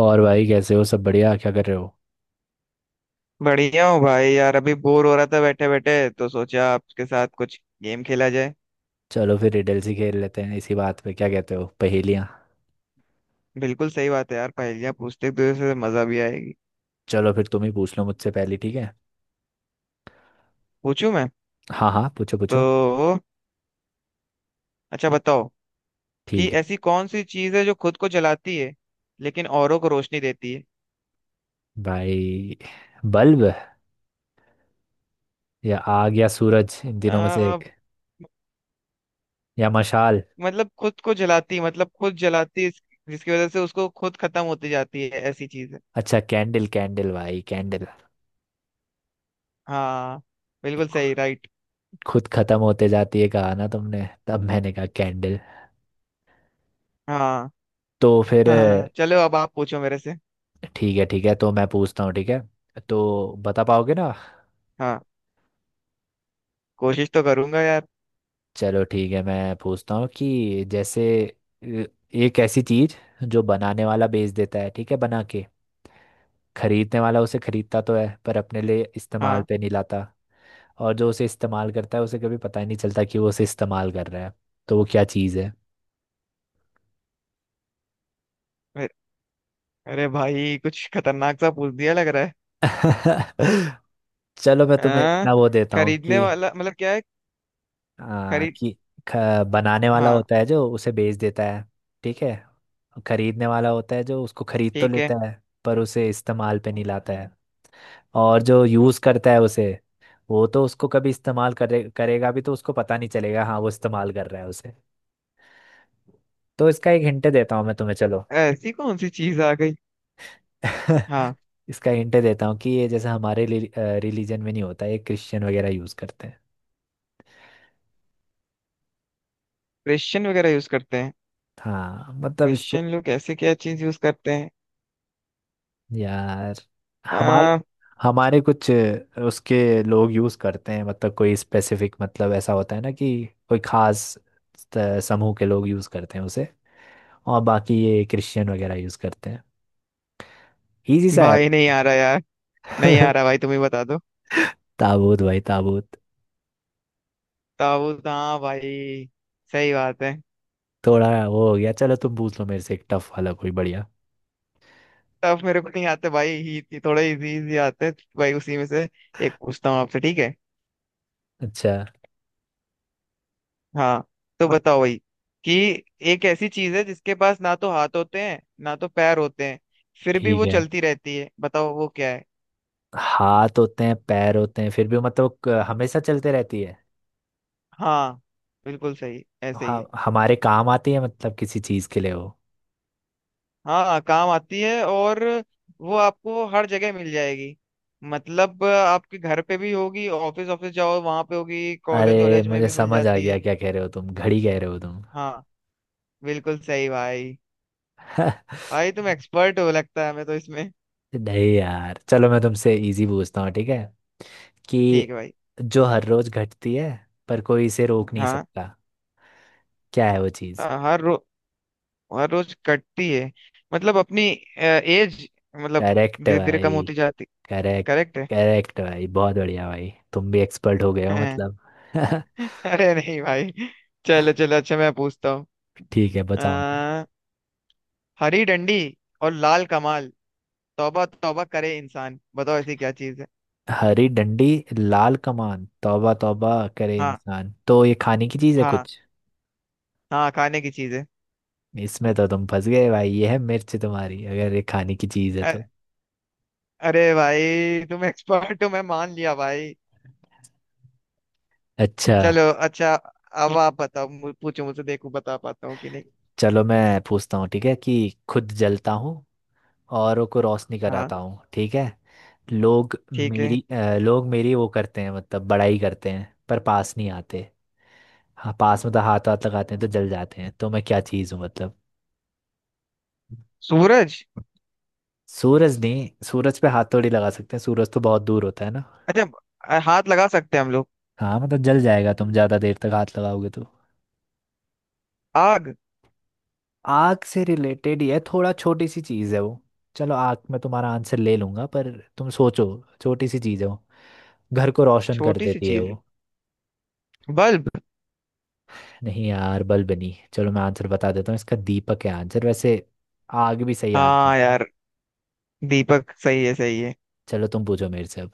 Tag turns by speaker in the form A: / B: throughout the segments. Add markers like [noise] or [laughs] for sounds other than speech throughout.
A: और भाई कैसे हो? सब बढ़िया? क्या कर रहे हो?
B: बढ़िया हूँ भाई यार। अभी बोर हो रहा था बैठे बैठे तो सोचा आपके साथ कुछ गेम खेला जाए।
A: चलो फिर रिडल्स ही खेल लेते हैं इसी बात पे। क्या कहते हो? पहेलियाँ।
B: बिल्कुल सही बात है यार। पहेलियाँ पूछते एक दूसरे से मजा भी आएगी।
A: चलो फिर तुम ही पूछ लो मुझसे पहली, ठीक है।
B: पूछूं मैं?
A: हाँ हाँ, पूछो पूछो।
B: तो अच्छा बताओ कि
A: ठीक है
B: ऐसी कौन सी चीज़ है जो खुद को जलाती है, लेकिन औरों को रोशनी देती है।
A: भाई। बल्ब? या आग या सूरज, इन दिनों में से
B: आ,
A: एक। या मशाल।
B: मतलब खुद को जलाती, मतलब खुद जलाती जिसकी वजह से उसको खुद खत्म होती जाती है, ऐसी चीज़ है।
A: अच्छा, कैंडल कैंडल भाई कैंडल।
B: हाँ। बिल्कुल सही, राइट।
A: खुद खत्म होते जाती है कहा ना तुमने, तब मैंने कहा कैंडल।
B: हाँ।
A: तो
B: [laughs]
A: फिर
B: हाँ, चलो अब आप पूछो मेरे से।
A: ठीक है ठीक है, तो मैं पूछता हूँ, ठीक है। तो बता पाओगे ना?
B: हाँ। कोशिश तो करूंगा यार।
A: चलो ठीक है, मैं पूछता हूँ कि जैसे अ, एक ऐसी चीज, जो बनाने वाला बेच देता है, ठीक है, बना के। खरीदने वाला उसे खरीदता तो है पर अपने लिए इस्तेमाल
B: हाँ,
A: पे नहीं लाता। और जो उसे इस्तेमाल करता है, उसे कभी पता ही नहीं चलता कि वो उसे इस्तेमाल कर रहा है। तो वो क्या चीज है?
B: अरे भाई कुछ खतरनाक सा पूछ दिया लग रहा है।
A: [laughs] चलो मैं तुम्हें
B: हाँ।
A: इतना वो देता हूँ कि
B: खरीदने वाला मतलब क्या है?
A: आ,
B: खरीद।
A: कि बनाने वाला
B: हाँ।
A: होता है जो उसे बेच देता है, ठीक है। खरीदने वाला होता है जो उसको खरीद तो
B: ठीक है।
A: लेता है, पर उसे इस्तेमाल पे नहीं लाता है। और जो यूज़ करता है उसे, वो तो उसको कभी इस्तेमाल करे करेगा भी तो उसको पता नहीं चलेगा हाँ वो इस्तेमाल कर रहा है उसे। तो इसका एक हिंट देता हूँ मैं तुम्हें, चलो।
B: ऐसी कौन सी चीज आ गई?
A: [laughs]
B: हाँ।
A: इसका हिंट देता हूँ कि ये जैसे हमारे रिलीजन में नहीं होता, ये क्रिश्चियन वगैरह यूज़ करते हैं।
B: क्रिश्चियन वगैरह यूज करते हैं?
A: हाँ मतलब इससे।
B: क्रिश्चियन लोग ऐसे क्या चीज यूज करते हैं?
A: यार हमारे
B: आ,
A: हमारे कुछ उसके लोग यूज़ करते हैं, मतलब कोई स्पेसिफिक, मतलब ऐसा होता है ना कि कोई खास समूह के लोग यूज़ करते हैं उसे। और बाकी ये क्रिश्चियन वगैरह यूज़ करते हैं। इजी सा है।
B: भाई नहीं आ रहा यार। नहीं आ रहा
A: [laughs]
B: भाई, तुम ही बता दो।
A: ताबूत भाई, ताबूत।
B: ताबूत, हाँ भाई। सही बात है।
A: थोड़ा वो हो गया, चलो तुम पूछ लो मेरे से एक टफ वाला, कोई बढ़िया।
B: तब मेरे को नहीं आते भाई, ही थोड़े इजी इजी आते हैं भाई, उसी में से एक पूछता हूँ आपसे ठीक है?
A: अच्छा।
B: हाँ। तो बताओ भाई कि एक ऐसी चीज है जिसके पास ना तो हाथ होते हैं ना तो पैर होते हैं, फिर भी
A: ठीक
B: वो
A: है।
B: चलती रहती है। बताओ वो क्या है?
A: हाथ होते हैं पैर होते हैं फिर भी मतलब हमेशा चलते रहती है।
B: हाँ, बिल्कुल सही, ऐसे ही है।
A: हाँ हमारे काम आती है, मतलब किसी चीज के लिए वो।
B: हाँ, काम आती है। और वो आपको हर जगह मिल जाएगी। मतलब आपके घर पे भी होगी, ऑफिस ऑफिस जाओ वहां पे होगी, कॉलेज
A: अरे
B: वॉलेज में
A: मुझे
B: भी मिल
A: समझ आ
B: जाती
A: गया
B: है।
A: क्या कह रहे हो तुम, घड़ी कह रहे हो तुम।
B: हाँ। बिल्कुल सही भाई।
A: [laughs]
B: भाई तुम एक्सपर्ट हो लगता है, हमें तो इसमें
A: नहीं यार, चलो मैं तुमसे इजी पूछता हूँ, ठीक है।
B: ठीक
A: कि
B: है भाई।
A: जो हर रोज घटती है पर कोई इसे रोक नहीं
B: हाँ।
A: सकता, क्या है वो?
B: हर रो और रोज कटती है, मतलब अपनी एज, मतलब
A: करेक्ट
B: धीरे धीरे कम
A: भाई।
B: होती जाती।
A: करेक्ट।
B: करेक्ट है।
A: करेक्ट भाई, बहुत बढ़िया, भाई तुम भी एक्सपर्ट हो गए हो
B: [laughs]
A: मतलब। [laughs]
B: अरे नहीं भाई। चलो चलो अच्छा मैं पूछता हूँ।
A: ठीक है, बताओ।
B: अ, हरी डंडी और लाल कमाल, तौबा तौबा करे इंसान। बताओ ऐसी क्या चीज है?
A: हरी डंडी, लाल कमान, तौबा तौबा करे
B: हाँ
A: इंसान, तो ये खाने की चीज है
B: हाँ
A: कुछ?
B: हाँ, खाने की चीज है।
A: इसमें तो तुम फंस गए भाई, ये है मिर्च तुम्हारी, अगर ये खाने की चीज है
B: अ-
A: तो।
B: अरे भाई तुम एक्सपर्ट हो, मैं मान लिया भाई।
A: अच्छा।
B: चलो अच्छा, अब आप बताओ पूछो मुझसे, देखो बता पाता हूँ कि नहीं।
A: चलो मैं पूछता हूँ, ठीक है। कि खुद जलता हूँ, औरों को रोशनी
B: हाँ।
A: कराता हूँ, ठीक है। लोग
B: ठीक है।
A: मेरी लोग मेरी वो करते हैं, मतलब बड़ाई करते हैं, पर पास नहीं आते। हाँ पास मतलब हाथ, हाथ लगाते हैं तो जल जाते हैं, तो मैं क्या चीज़ हूँ मतलब?
B: सूरज।
A: सूरज नहीं, सूरज पे हाथ थोड़ी लगा सकते हैं, सूरज तो बहुत दूर होता है ना।
B: अच्छा। हाथ लगा सकते हैं हम लोग?
A: हाँ मतलब जल जाएगा, तुम ज़्यादा देर तक हाथ लगाओगे तो।
B: आग।
A: आग से रिलेटेड ही है, थोड़ा छोटी सी चीज़ है वो। चलो आग में तुम्हारा आंसर ले लूंगा, पर तुम सोचो, छोटी सी चीज़ है वो, घर को रोशन कर
B: छोटी सी
A: देती है
B: चीज।
A: वो।
B: बल्ब।
A: नहीं यार, बलबनी, चलो मैं आंसर बता देता हूँ इसका, दीपक है आंसर वैसे। आग भी सही आंसर
B: हाँ
A: था।
B: यार, दीपक सही है, सही है।
A: चलो तुम पूछो मेरे से अब।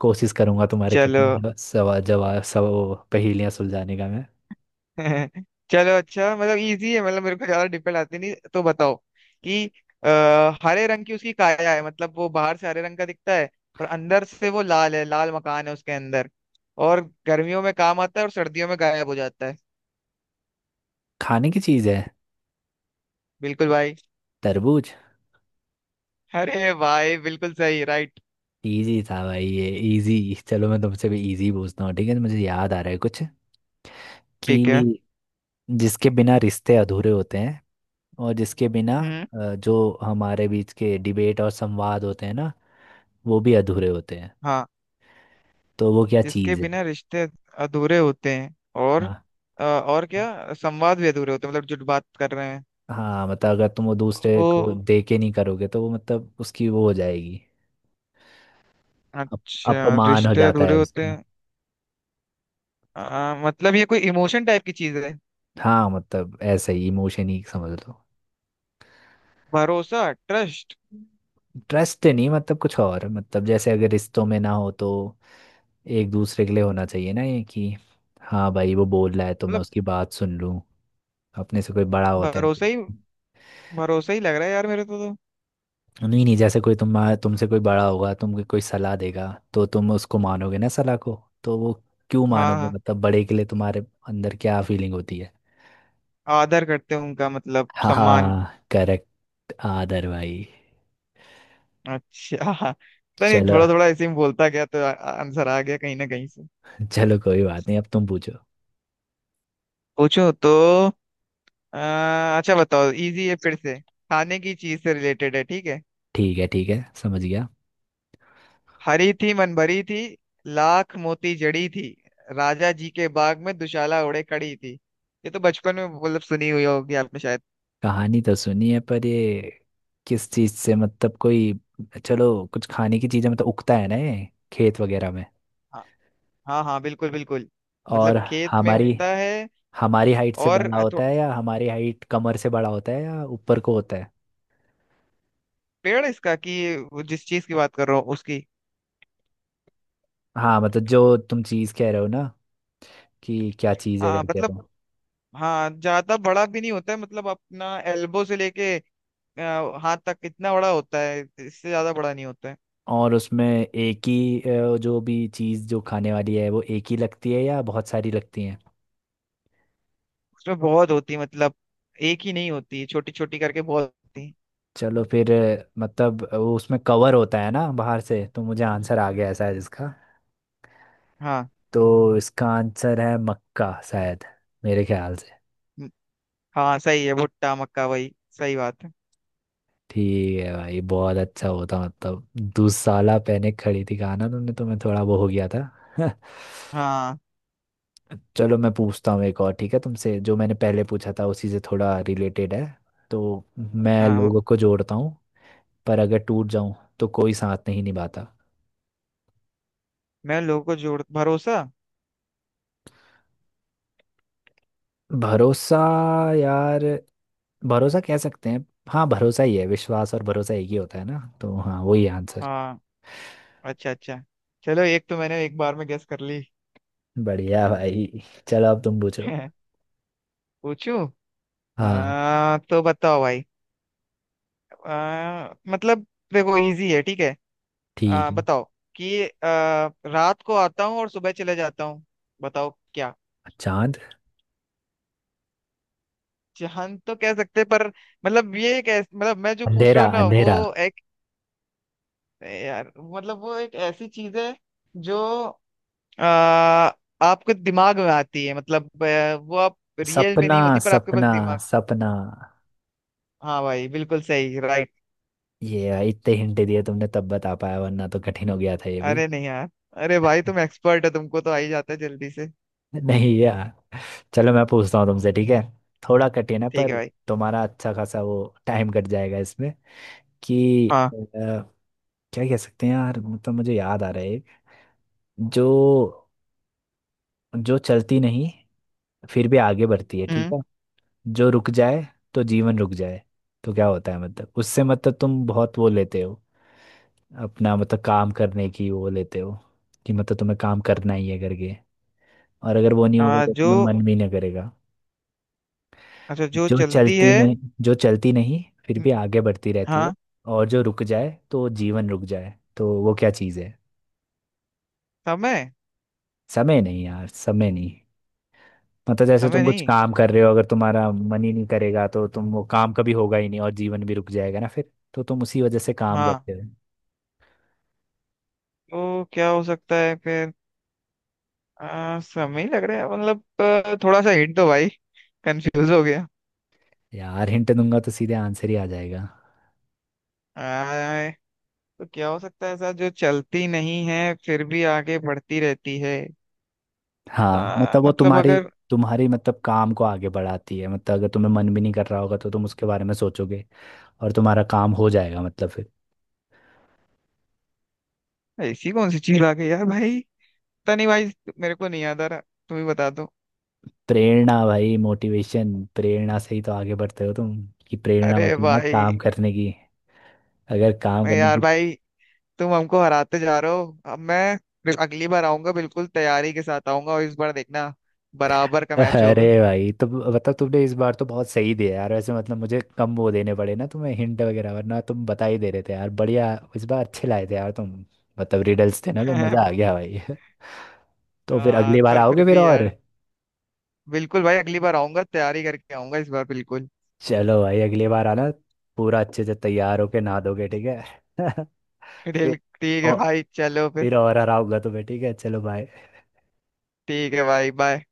A: कोशिश करूंगा तुम्हारे
B: चलो।
A: कठिन सवा जवाब सब, पहेलियां सुलझाने का मैं।
B: [laughs] चलो अच्छा, मतलब इजी है, मतलब मेरे को ज्यादा डिफिकल्ट आती नहीं, तो बताओ कि हरे रंग की उसकी काया है, मतलब वो बाहर से हरे रंग का दिखता है और अंदर से वो लाल है, लाल मकान है उसके अंदर। और गर्मियों में काम आता है और सर्दियों में गायब हो जाता है।
A: खाने की चीज है।
B: बिल्कुल भाई।
A: तरबूज।
B: अरे भाई, बिल्कुल सही, राइट।
A: इजी था भाई ये, इजी। चलो मैं तुमसे भी इजी पूछता हूँ, ठीक है, मुझे याद आ रहा है कुछ। कि
B: ठीक है।
A: जिसके बिना रिश्ते अधूरे होते हैं, और जिसके बिना
B: हम्म।
A: जो हमारे बीच के डिबेट और संवाद होते हैं ना, वो भी अधूरे होते हैं।
B: हाँ।
A: तो वो क्या
B: जिसके
A: चीज़ है?
B: बिना रिश्ते अधूरे होते हैं, और
A: हाँ।
B: और क्या संवाद भी अधूरे होते हैं, मतलब जो बात कर रहे हैं।
A: हाँ मतलब अगर तुम वो दूसरे
B: तो
A: को तो दे के नहीं करोगे तो वो, मतलब उसकी वो हो जाएगी। अप,
B: अच्छा
A: अपमान हो
B: रिश्ते
A: जाता है
B: अधूरे
A: अच्छा
B: होते
A: उसका।
B: हैं। मतलब ये कोई इमोशन टाइप की चीज है?
A: हाँ मतलब ऐसा ही, इमोशन ही समझ लो।
B: भरोसा। ट्रस्ट।
A: ट्रस्ट नहीं, मतलब कुछ और, मतलब जैसे अगर रिश्तों में ना हो तो, एक दूसरे के लिए होना चाहिए ना ये, कि हाँ भाई वो बोल रहा है तो मैं
B: मतलब
A: उसकी बात सुन लूँ। अपने से कोई बड़ा होता है तो।
B: भरोसा ही, भरोसा ही लग रहा है यार मेरे को तो।
A: नहीं नहीं जैसे कोई तुम, तुमसे कोई बड़ा होगा, तुमको कोई सलाह देगा, तो तुम उसको मानोगे ना सलाह को। तो वो क्यों
B: हाँ
A: मानोगे,
B: हाँ।
A: मतलब बड़े के लिए तुम्हारे अंदर क्या फीलिंग होती है?
B: आदर करते हैं उनका, मतलब सम्मान।
A: हाँ करेक्ट, आदर भाई।
B: अच्छा। [laughs] पता नहीं,
A: चलो
B: थोड़ा थोड़ा ऐसे ही बोलता गया तो आंसर आ आ- answer आ गया कहीं ना कहीं से।
A: चलो कोई बात नहीं, अब तुम पूछो।
B: पूछो तो। अच्छा बताओ, इजी है, फिर से खाने की चीज से रिलेटेड है ठीक है?
A: ठीक है, ठीक है, समझ गया।
B: हरी थी मन भरी थी, लाख मोती जड़ी थी, राजा जी के बाग में दुशाला ओढ़े खड़ी थी। ये तो बचपन में मतलब सुनी हुई होगी आपने शायद।
A: कहानी तो सुनी है, पर ये किस चीज से, मतलब कोई। चलो कुछ खाने की चीजें, मतलब उगता है ना ये खेत वगैरह में।
B: हाँ। हाँ हाँ, बिल्कुल बिल्कुल। मतलब
A: और
B: खेत में
A: हमारी
B: उगता है।
A: हमारी हाइट से
B: और
A: बड़ा होता है, या हमारी हाइट, कमर से बड़ा होता है या ऊपर को होता है।
B: पेड़ है इसका, कि वो जिस चीज की बात कर रहा हूँ उसकी?
A: हाँ मतलब जो तुम चीज़ कह रहे हो ना, कि क्या चीज़ है
B: हाँ
A: करके
B: मतलब,
A: वो।
B: हाँ ज्यादा बड़ा भी नहीं होता है, मतलब अपना एल्बो से लेके हाथ तक इतना बड़ा होता है, इससे ज्यादा बड़ा नहीं होता है।
A: और उसमें एक ही जो भी चीज़ जो खाने वाली है वो एक ही लगती है या बहुत सारी लगती हैं?
B: उसमें बहुत होती है, मतलब एक ही नहीं होती, छोटी छोटी करके बहुत होती है।
A: चलो फिर मतलब वो उसमें कवर होता है ना बाहर से, तो मुझे आंसर आ गया है शायद इसका।
B: हाँ।
A: तो इसका आंसर है मक्का शायद, मेरे ख्याल से।
B: म- हाँ सही है, भुट्टा, मक्का वही। सही बात है।
A: ठीक है भाई, बहुत अच्छा होता मतलब। दुसाला पहने खड़ी थी कहा ना तुमने, तो मैं थोड़ा वो हो गया था। [laughs]
B: हाँ।
A: चलो मैं पूछता हूँ एक और, ठीक है, तुमसे जो मैंने पहले पूछा था उसी से थोड़ा रिलेटेड है। तो मैं
B: हाँ।
A: लोगों को जोड़ता हूँ, पर अगर टूट जाऊं तो कोई साथ नहीं निभाता।
B: मैं लोगों को जोड़, भरोसा।
A: भरोसा। यार भरोसा कह सकते हैं, हाँ भरोसा ही है, विश्वास और भरोसा एक ही होता है ना, तो हाँ वही आंसर।
B: हाँ। अच्छा अच्छा। चलो एक तो मैंने एक बार में गेस कर ली।
A: बढ़िया भाई, चलो अब तुम पूछो।
B: [laughs] पूछू?
A: हाँ।
B: तो बताओ भाई, मतलब देखो इजी है ठीक है?
A: ठीक है।
B: बताओ कि रात को आता हूँ और सुबह चले जाता हूँ, बताओ क्या?
A: चांद।
B: जहन तो कह सकते हैं, पर मतलब ये एक मतलब मैं जो पूछ
A: अंधेरा,
B: रहा हूँ ना वो
A: अंधेरा।
B: एक, यार मतलब वो एक ऐसी चीज है जो आ, आपके दिमाग में आती है, मतलब वो आप रियल में
A: सपना,
B: नहीं होती पर आपके पास
A: सपना,
B: दिमाग।
A: सपना।
B: हाँ भाई, बिल्कुल सही, राइट।
A: ये भाई, इतने हिंट दिए तुमने तब बता पाया, वरना तो कठिन हो गया था ये भी।
B: अरे नहीं यार। अरे भाई तुम एक्सपर्ट हो, तुमको तो आ ही जाता है जल्दी से।
A: नहीं यार, चलो मैं पूछता हूँ तुमसे, ठीक है, थोड़ा कठिन है
B: ठीक है
A: पर,
B: भाई।
A: तुम्हारा अच्छा खासा वो टाइम कट जाएगा इसमें। कि
B: हाँ।
A: अ, क्या कह सकते हैं यार, मतलब मुझे याद आ रहा है एक। जो, जो चलती नहीं फिर भी आगे बढ़ती है, ठीक
B: हम्म।
A: है। जो रुक जाए तो जीवन रुक जाए, तो क्या होता है मतलब उससे, मतलब तुम बहुत वो लेते हो अपना, मतलब काम करने की वो लेते हो कि मतलब तुम्हें काम करना ही है करके, और अगर वो नहीं होगा तो
B: जो
A: तुम्हें मन भी ना करेगा।
B: अच्छा जो
A: जो
B: चलती
A: चलती
B: है।
A: में, जो चलती नहीं फिर
B: हम्म,
A: भी आगे बढ़ती रहती है,
B: हाँ।
A: और जो रुक जाए तो जीवन रुक जाए, तो वो क्या चीज़ है?
B: समय।
A: समय नहीं यार, समय नहीं। मतलब जैसे
B: समय
A: तुम कुछ
B: नहीं?
A: काम कर रहे हो, अगर तुम्हारा मन ही नहीं करेगा तो तुम वो काम कभी होगा ही नहीं, और जीवन भी रुक जाएगा ना फिर, तो तुम उसी वजह से काम
B: हाँ,
A: करते हो।
B: तो क्या हो सकता है फिर? समय ही लग रहा है, मतलब थोड़ा सा हिंट दो भाई, कंफ्यूज हो गया।
A: यार हिंट दूंगा तो सीधे आंसर ही आ जाएगा।
B: आ, तो क्या हो सकता है ऐसा जो चलती नहीं है फिर भी आगे बढ़ती रहती है?
A: हाँ मतलब वो
B: मतलब
A: तुम्हारी
B: अगर,
A: तुम्हारी मतलब काम को आगे बढ़ाती है, मतलब अगर तुम्हें मन भी नहीं कर रहा होगा तो तुम उसके बारे में सोचोगे और तुम्हारा काम हो जाएगा, मतलब फिर।
B: ऐसी कौन सी चीज आ गई यार भाई। पता नहीं भाई, मेरे को नहीं याद आ रहा, तुम ही बता दो।
A: प्रेरणा भाई, मोटिवेशन, प्रेरणा से ही तो आगे बढ़ते हो तुम। कि प्रेरणा
B: अरे
A: होती है ना
B: भाई,
A: काम करने की, अगर काम करने
B: यार
A: की।
B: भाई, तुम हमको हराते जा रहे हो। अब मैं अगली बार आऊंगा बिल्कुल तैयारी के साथ आऊंगा, और इस बार देखना बराबर का
A: [laughs]
B: मैच
A: अरे
B: होगा।
A: भाई तो, मतलब तुमने इस बार तो बहुत सही दिया यार वैसे, मतलब मुझे कम वो देने पड़े ना तुम्हें हिंट वगैरह, वरना तुम बता ही दे रहे थे यार, बढ़िया इस बार अच्छे लाए थे यार तुम। मतलब रिडल्स थे ना, तो मज़ा आ
B: [laughs]
A: गया भाई। [laughs] तो फिर अगली बार
B: पर फिर
A: आओगे फिर
B: भी
A: और।
B: यार, बिल्कुल भाई, अगली बार आऊंगा, तैयारी करके आऊंगा इस बार बिल्कुल।
A: चलो भाई अगली बार आना, पूरा अच्छे से तैयार होके नहा दोगे, ठीक है। [laughs]
B: [laughs]
A: फिर
B: ठीक, ठीक है
A: और,
B: भाई, चलो फिर।
A: फिर और हराऊंगा तुम्हें, ठीक है। चलो बाय।
B: ठीक है भाई, बाय।